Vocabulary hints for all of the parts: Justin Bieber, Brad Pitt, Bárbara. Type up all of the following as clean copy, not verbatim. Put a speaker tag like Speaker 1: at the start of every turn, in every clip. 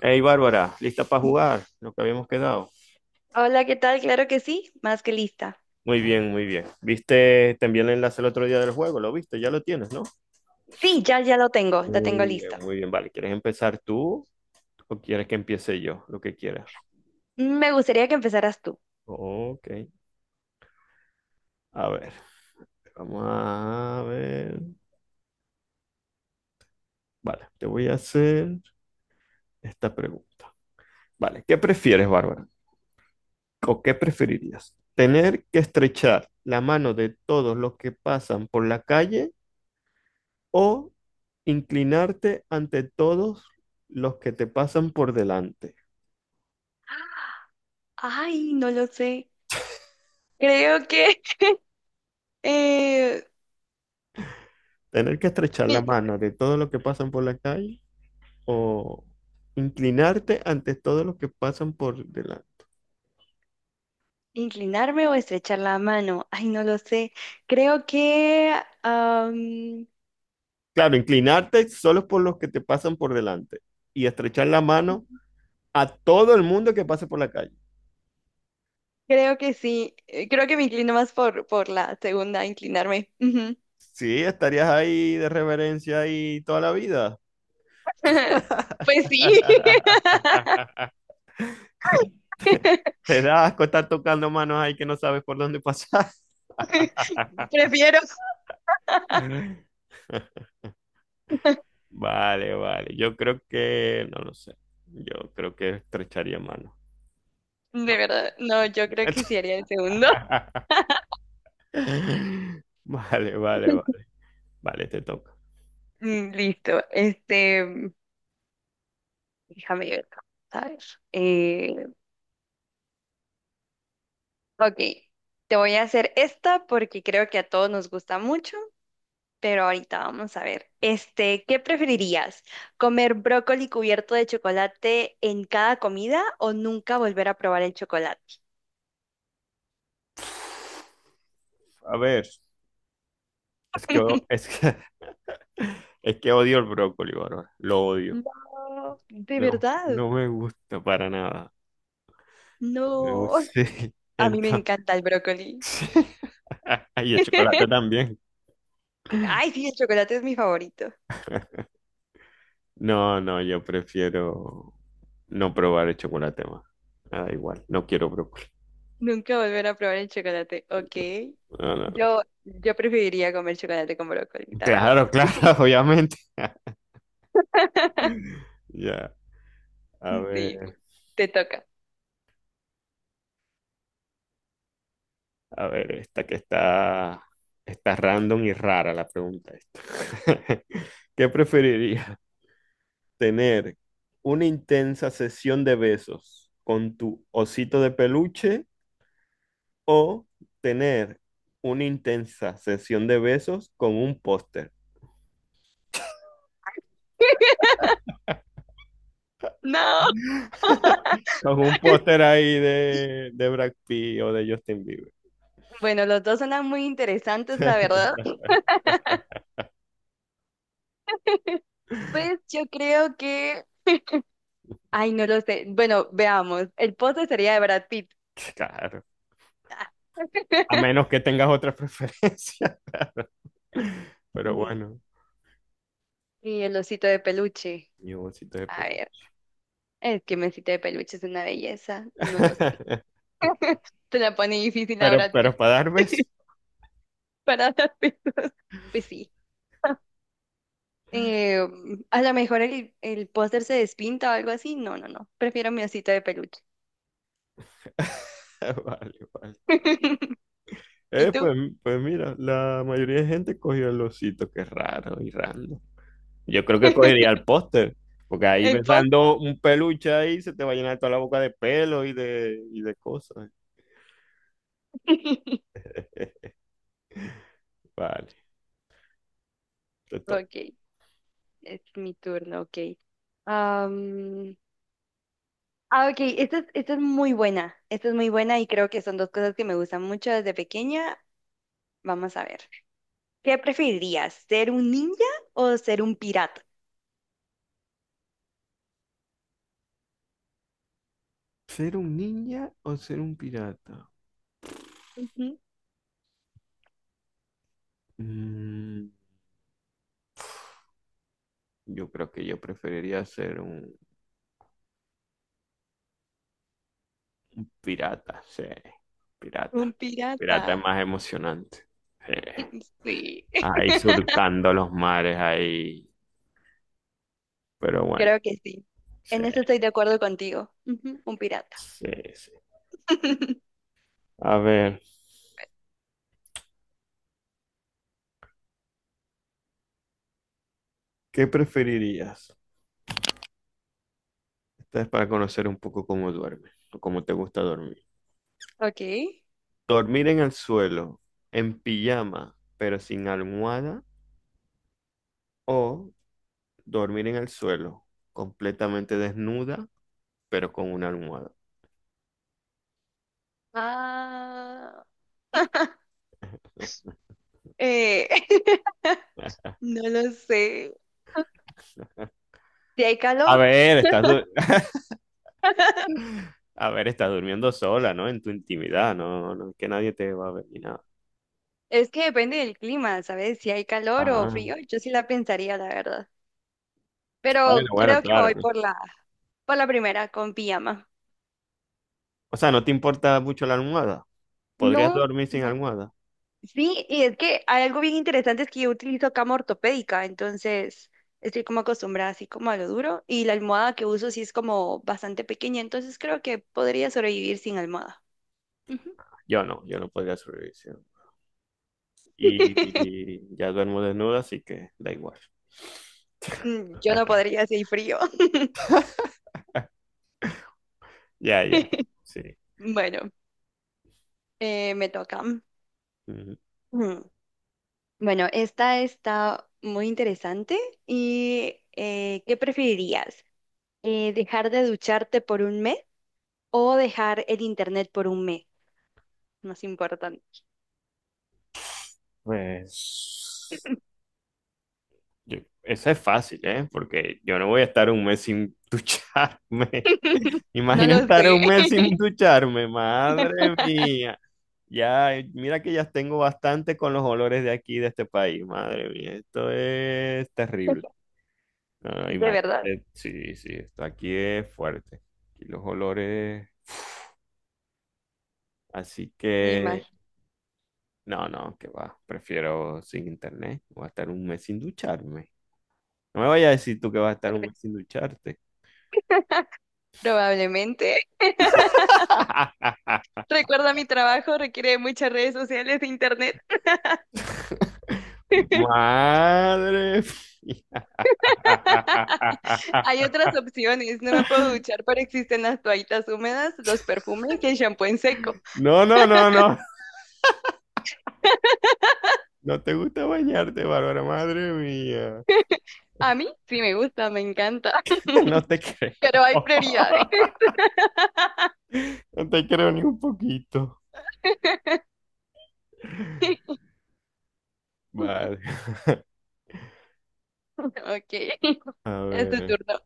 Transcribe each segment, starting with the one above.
Speaker 1: Hey Bárbara, ¿lista para jugar? Lo que habíamos quedado.
Speaker 2: Hola, ¿qué tal? Claro que sí, más que lista.
Speaker 1: Muy bien, muy bien. ¿Viste también el enlace el otro día del juego? ¿Lo viste? Ya lo tienes, ¿no?
Speaker 2: Sí, ya, ya lo tengo
Speaker 1: Muy bien,
Speaker 2: listo.
Speaker 1: muy bien. Vale, ¿quieres empezar tú o quieres que empiece yo? Lo que quieras.
Speaker 2: Me gustaría que empezaras tú.
Speaker 1: Ok. A ver, vamos a ver. Vale, te voy a hacer esta pregunta. Vale, ¿qué prefieres, Bárbara? ¿O qué preferirías? ¿Tener que estrechar la mano de todos los que pasan por la calle o inclinarte ante todos los que te pasan por delante?
Speaker 2: Ay, no lo sé. Creo que eh,
Speaker 1: Tener que estrechar la
Speaker 2: mi-
Speaker 1: mano de todos los que pasan por la calle o inclinarte ante todos los que pasan por delante.
Speaker 2: inclinarme o estrechar la mano. Ay, no lo sé. Creo que am,
Speaker 1: Claro, inclinarte solo por los que te pasan por delante y estrechar la mano a todo el mundo que pase por la calle.
Speaker 2: creo que sí. Creo que me inclino más por la segunda, inclinarme. Ujú.
Speaker 1: Sí, estarías ahí de reverencia ahí toda la vida.
Speaker 2: Pues sí.
Speaker 1: Te da asco estar tocando manos ahí que no sabes por dónde pasar.
Speaker 2: Prefiero.
Speaker 1: Vale, vale. Yo creo que, no lo sé. Yo creo que estrecharía mano.
Speaker 2: De
Speaker 1: No.
Speaker 2: verdad, no, yo creo que sí haría el segundo.
Speaker 1: Vale, vale, vale. Vale, te toca.
Speaker 2: Mm. Listo. Este, déjame ver, ¿sabes? Ok, te voy a hacer esta porque creo que a todos nos gusta mucho, pero ahorita vamos a ver. Este, ¿qué preferirías? ¿Comer brócoli cubierto de chocolate en cada comida o nunca volver a probar el chocolate?
Speaker 1: A ver, es que, o- es que, es que odio el brócoli, Bárbara. Lo odio.
Speaker 2: No, de
Speaker 1: No,
Speaker 2: verdad,
Speaker 1: no me gusta para nada. No me gusta.
Speaker 2: no.
Speaker 1: Sí.
Speaker 2: A mí me
Speaker 1: Entonces,
Speaker 2: encanta el brócoli.
Speaker 1: y el chocolate también.
Speaker 2: Ay, sí, el chocolate es mi favorito.
Speaker 1: No, no, yo prefiero no probar el chocolate más. Me da igual. No quiero brócoli.
Speaker 2: Nunca volver a probar el chocolate, ok.
Speaker 1: No, no, no.
Speaker 2: Yo preferiría comer chocolate con brócoli, la verdad.
Speaker 1: Claro, claro, obviamente. Ya, a
Speaker 2: Sí,
Speaker 1: ver,
Speaker 2: te toca.
Speaker 1: a ver, esta que está, está random y rara la pregunta esta. ¿Qué preferirías? ¿Tener una intensa sesión de besos con tu osito de peluche o tener una intensa sesión de besos con un póster?
Speaker 2: No.
Speaker 1: Con un póster ahí de Brad Pitt o de Justin Bieber.
Speaker 2: Bueno, los dos son muy interesantes, la verdad. Pues yo creo que, ay, no lo sé. Bueno, veamos. El postre sería de Brad Pitt.
Speaker 1: Claro.
Speaker 2: Ah.
Speaker 1: A menos que tengas otra preferencia, claro. Pero
Speaker 2: Mm,
Speaker 1: bueno,
Speaker 2: Y el osito de peluche.
Speaker 1: mi bolsito de
Speaker 2: A
Speaker 1: pe-
Speaker 2: ver, es que mi osito de peluche es una belleza. No lo sé. Se la pone difícil a Brad Pitt.
Speaker 1: Pero para dar besos.
Speaker 2: Para las personas. Pues sí. Eh, a lo mejor el póster se despinta o algo así. No, no, no. Prefiero mi osito de peluche.
Speaker 1: Vale, vale.
Speaker 2: ¿Y
Speaker 1: Eh,
Speaker 2: tú?
Speaker 1: pues, pues mira, la mayoría de gente cogió el osito, que es raro y random. Yo creo que cogería el póster, porque ahí
Speaker 2: El póster.
Speaker 1: besando un peluche ahí se te va a llenar toda la boca de pelo y de cosas. Vale, te toca.
Speaker 2: Ok, es mi turno, ok. Am, ok, esta es muy buena. Esta es muy buena y creo que son dos cosas que me gustan mucho desde pequeña. Vamos a ver. ¿Qué preferirías? ¿Ser un ninja o ser un pirata?
Speaker 1: ¿Ser un ninja o ser un pirata?
Speaker 2: Ujú.
Speaker 1: Mm, Yo creo que yo preferiría ser un pirata, sí,
Speaker 2: Un
Speaker 1: pirata.
Speaker 2: pirata.
Speaker 1: Pirata es más emocionante. Sí.
Speaker 2: Sí.
Speaker 1: Ahí surcando los mares, ahí. Pero bueno,
Speaker 2: Creo que sí.
Speaker 1: sí,
Speaker 2: En eso estoy de acuerdo contigo. Ujú. Un pirata.
Speaker 1: sí, sí. A ver, ¿qué preferirías? Esta es para conocer un poco cómo duermes o cómo te gusta dormir.
Speaker 2: Ok.
Speaker 1: ¿Dormir en el suelo, en pijama, pero sin almohada? ¿O dormir en el suelo, completamente desnuda, pero con una almohada?
Speaker 2: Ah. eh, No lo sé. Si hay
Speaker 1: A
Speaker 2: calor.
Speaker 1: ver, estás du- a ver, estás durmiendo sola, ¿no? En tu intimidad, no, no es que nadie te va a ver ni nada.
Speaker 2: Es que depende del clima, ¿sabes? Si hay calor o
Speaker 1: Ah,
Speaker 2: frío, yo sí la pensaría, la verdad.
Speaker 1: bueno,
Speaker 2: Pero
Speaker 1: bueno,
Speaker 2: creo que
Speaker 1: claro,
Speaker 2: voy
Speaker 1: pues.
Speaker 2: por la primera, con pijama.
Speaker 1: O sea, ¿no te importa mucho la almohada?
Speaker 2: No,
Speaker 1: ¿Podrías dormir sin
Speaker 2: no,
Speaker 1: almohada?
Speaker 2: sí, y es que hay algo bien interesante, es que yo utilizo cama ortopédica, entonces estoy como acostumbrada así como a lo duro y la almohada que uso sí es como bastante pequeña, entonces creo que podría sobrevivir sin almohada. Ujú.
Speaker 1: Yo no, yo no podría sobrevivir sin almohada. Y, y ya duermo desnuda, así que da igual.
Speaker 2: Yo no podría si hay frío.
Speaker 1: Ya, ya, sí.
Speaker 2: Bueno, me toca.
Speaker 1: Ujú.
Speaker 2: Mm. Bueno, esta está muy interesante y ¿qué preferirías? ¿Dejar de ducharte por un mes o dejar el internet por un mes? Más importante.
Speaker 1: Pues yo- eso es fácil, ¿eh? Porque yo no voy a estar un mes sin ducharme.
Speaker 2: No
Speaker 1: Imagina
Speaker 2: lo
Speaker 1: estar
Speaker 2: sé,
Speaker 1: un mes sin ducharme, madre mía. Ya, mira que ya tengo bastante con los olores de aquí, de este país, madre mía. Esto es terrible. No,
Speaker 2: de verdad,
Speaker 1: imagínate, sí, sí, esto aquí es fuerte. Aquí los olores, así
Speaker 2: me
Speaker 1: que
Speaker 2: imagino.
Speaker 1: no, no, que va. Prefiero sin internet. Voy a estar un mes sin ducharme. No me vayas a decir tú que vas a estar un
Speaker 2: prob-
Speaker 1: mes sin ducharte.
Speaker 2: Probablemente. Recuerda, mi trabajo requiere de muchas redes sociales e internet.
Speaker 1: Madre mía.
Speaker 2: Hay otras opciones. No me puedo duchar, pero existen las toallitas húmedas, los perfumes y el shampoo en seco.
Speaker 1: No, no, no, no. No te gusta bañarte, Bárbara. Madre mía.
Speaker 2: A mí sí me gusta, me encanta,
Speaker 1: No te creo.
Speaker 2: pero hay prioridades.
Speaker 1: No te creo ni un poquito. Vale.
Speaker 2: Ok,
Speaker 1: A
Speaker 2: es tu
Speaker 1: ver.
Speaker 2: turno.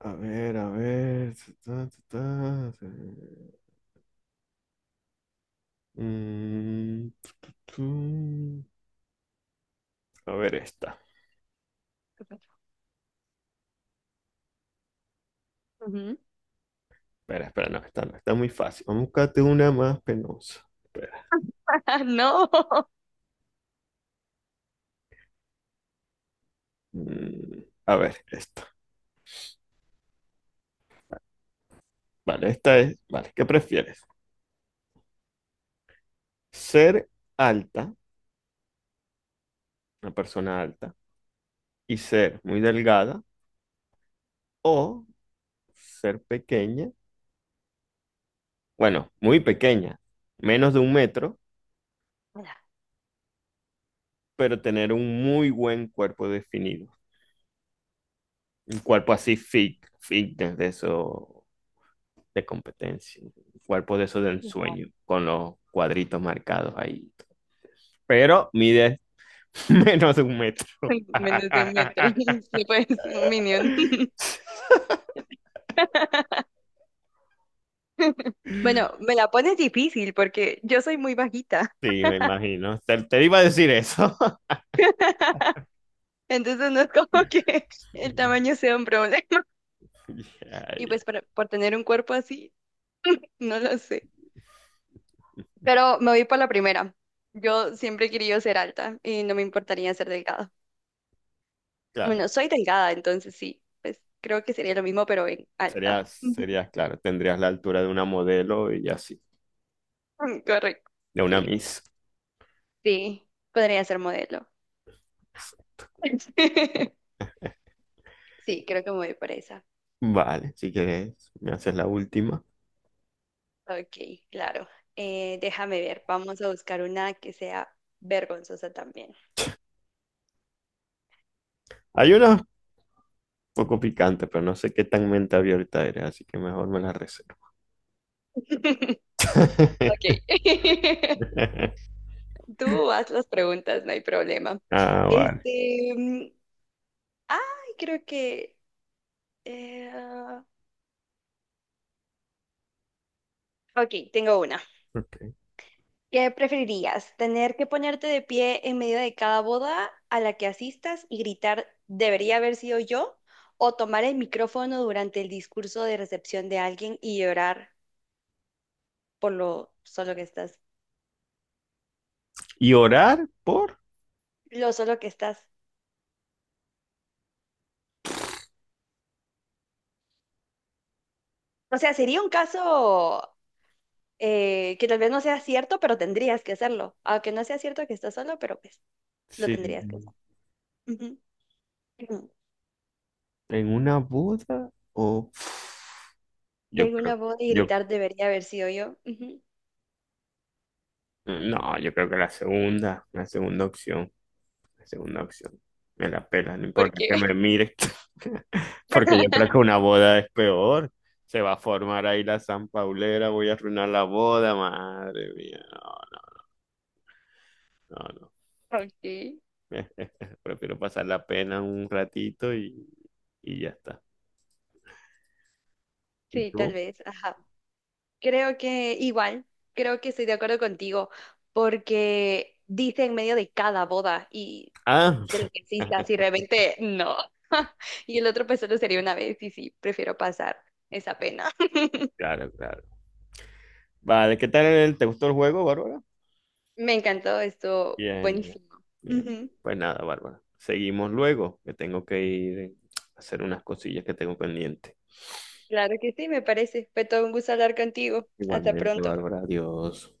Speaker 1: A ver, a ver. Ta, ta, ta, ta. Mm, tú. A ver esta.
Speaker 2: Ujú.
Speaker 1: Espera, espera, no, esta no, está muy fácil. Vamos a buscarte una más penosa. Espera.
Speaker 2: No,
Speaker 1: Mm, a ver, esta. Vale, esta es. Vale, ¿qué prefieres? ¿Ser alta, una persona alta, y ser muy delgada, o ser pequeña, bueno, muy pequeña, menos de un metro, pero tener un muy buen cuerpo definido? Un cuerpo así fit, fitness de eso, de competencia, un cuerpo de eso del ensueño, con los cuadritos marcados ahí. Pero mide menos de un metro.
Speaker 2: menos de un metro. Sí, pues, un minion. Bueno, me la pones difícil porque yo soy muy bajita,
Speaker 1: Sí, me imagino. Te iba a decir eso.
Speaker 2: entonces no es como que el tamaño sea un problema.
Speaker 1: Ya,
Speaker 2: Y
Speaker 1: ya.
Speaker 2: pues por tener un cuerpo así, no lo sé. Pero me voy por la primera. Yo siempre he querido ser alta y no me importaría ser delgada.
Speaker 1: Claro,
Speaker 2: Bueno, soy delgada, entonces sí, pues creo que sería lo mismo, pero en alta.
Speaker 1: sería,
Speaker 2: Ujú.
Speaker 1: sería, claro, tendrías la altura de una modelo y así.
Speaker 2: Mm. Correcto.
Speaker 1: De una
Speaker 2: Sí,
Speaker 1: Miss.
Speaker 2: sí, podría ser modelo. Sí, creo que me voy por esa.
Speaker 1: Vale, si quieres, me haces la última.
Speaker 2: Ok, claro. Déjame ver, vamos a buscar una que sea vergonzosa también.
Speaker 1: Hay una un poco picante, pero no sé qué tan mente abierta eres, así que mejor me la reservo.
Speaker 2: Ok. Tú haz las preguntas, no hay problema.
Speaker 1: Ah, vale.
Speaker 2: Este, ay, creo que. eh, ok, tengo una.
Speaker 1: Ok.
Speaker 2: ¿Qué preferirías? ¿Tener que ponerte de pie en medio de cada boda a la que asistas y gritar, debería haber sido yo? ¿O tomar el micrófono durante el discurso de recepción de alguien y llorar por lo solo que estás?
Speaker 1: ¿Y orar por?
Speaker 2: Lo solo que estás. O sea, sería un caso que tal vez no sea cierto, pero tendrías que hacerlo. Aunque no sea cierto que estás solo, pero pues lo
Speaker 1: Sí.
Speaker 2: tendrías que hacer. Ujú. Ujú.
Speaker 1: ¿En una boda? O yo
Speaker 2: En una
Speaker 1: creo,
Speaker 2: voz y
Speaker 1: yo,
Speaker 2: gritar debería haber sido yo. Ujú.
Speaker 1: no, yo creo que la segunda opción. La segunda opción. Me la pela, no
Speaker 2: ¿Por
Speaker 1: importa
Speaker 2: qué?
Speaker 1: que me mire. Porque yo creo que una boda es peor. Se va a formar ahí la San Paulera, voy a arruinar la boda, madre mía. No, no, no, no.
Speaker 2: Ok,
Speaker 1: Prefiero pasar la pena un ratito y ya está. ¿Y
Speaker 2: sí, tal
Speaker 1: tú?
Speaker 2: vez, ajá. Creo que igual, creo que estoy de acuerdo contigo, porque dice en medio de cada boda y
Speaker 1: Ah,
Speaker 2: de lo que existas y realmente no. Y el otro pues solo sería una vez y sí, prefiero pasar esa pena.
Speaker 1: claro, claro. Vale, ¿qué tal? El- ¿Te gustó el juego, Bárbara?
Speaker 2: Me encantó, esto
Speaker 1: Bien, bien,
Speaker 2: buenísimo.
Speaker 1: bien.
Speaker 2: Ujú.
Speaker 1: Pues nada, Bárbara. Seguimos luego, que tengo que ir a hacer unas cosillas que tengo pendientes.
Speaker 2: Claro que sí, me parece. Fue todo un gusto hablar contigo. Hasta
Speaker 1: Igualmente,
Speaker 2: pronto.
Speaker 1: Bárbara, adiós.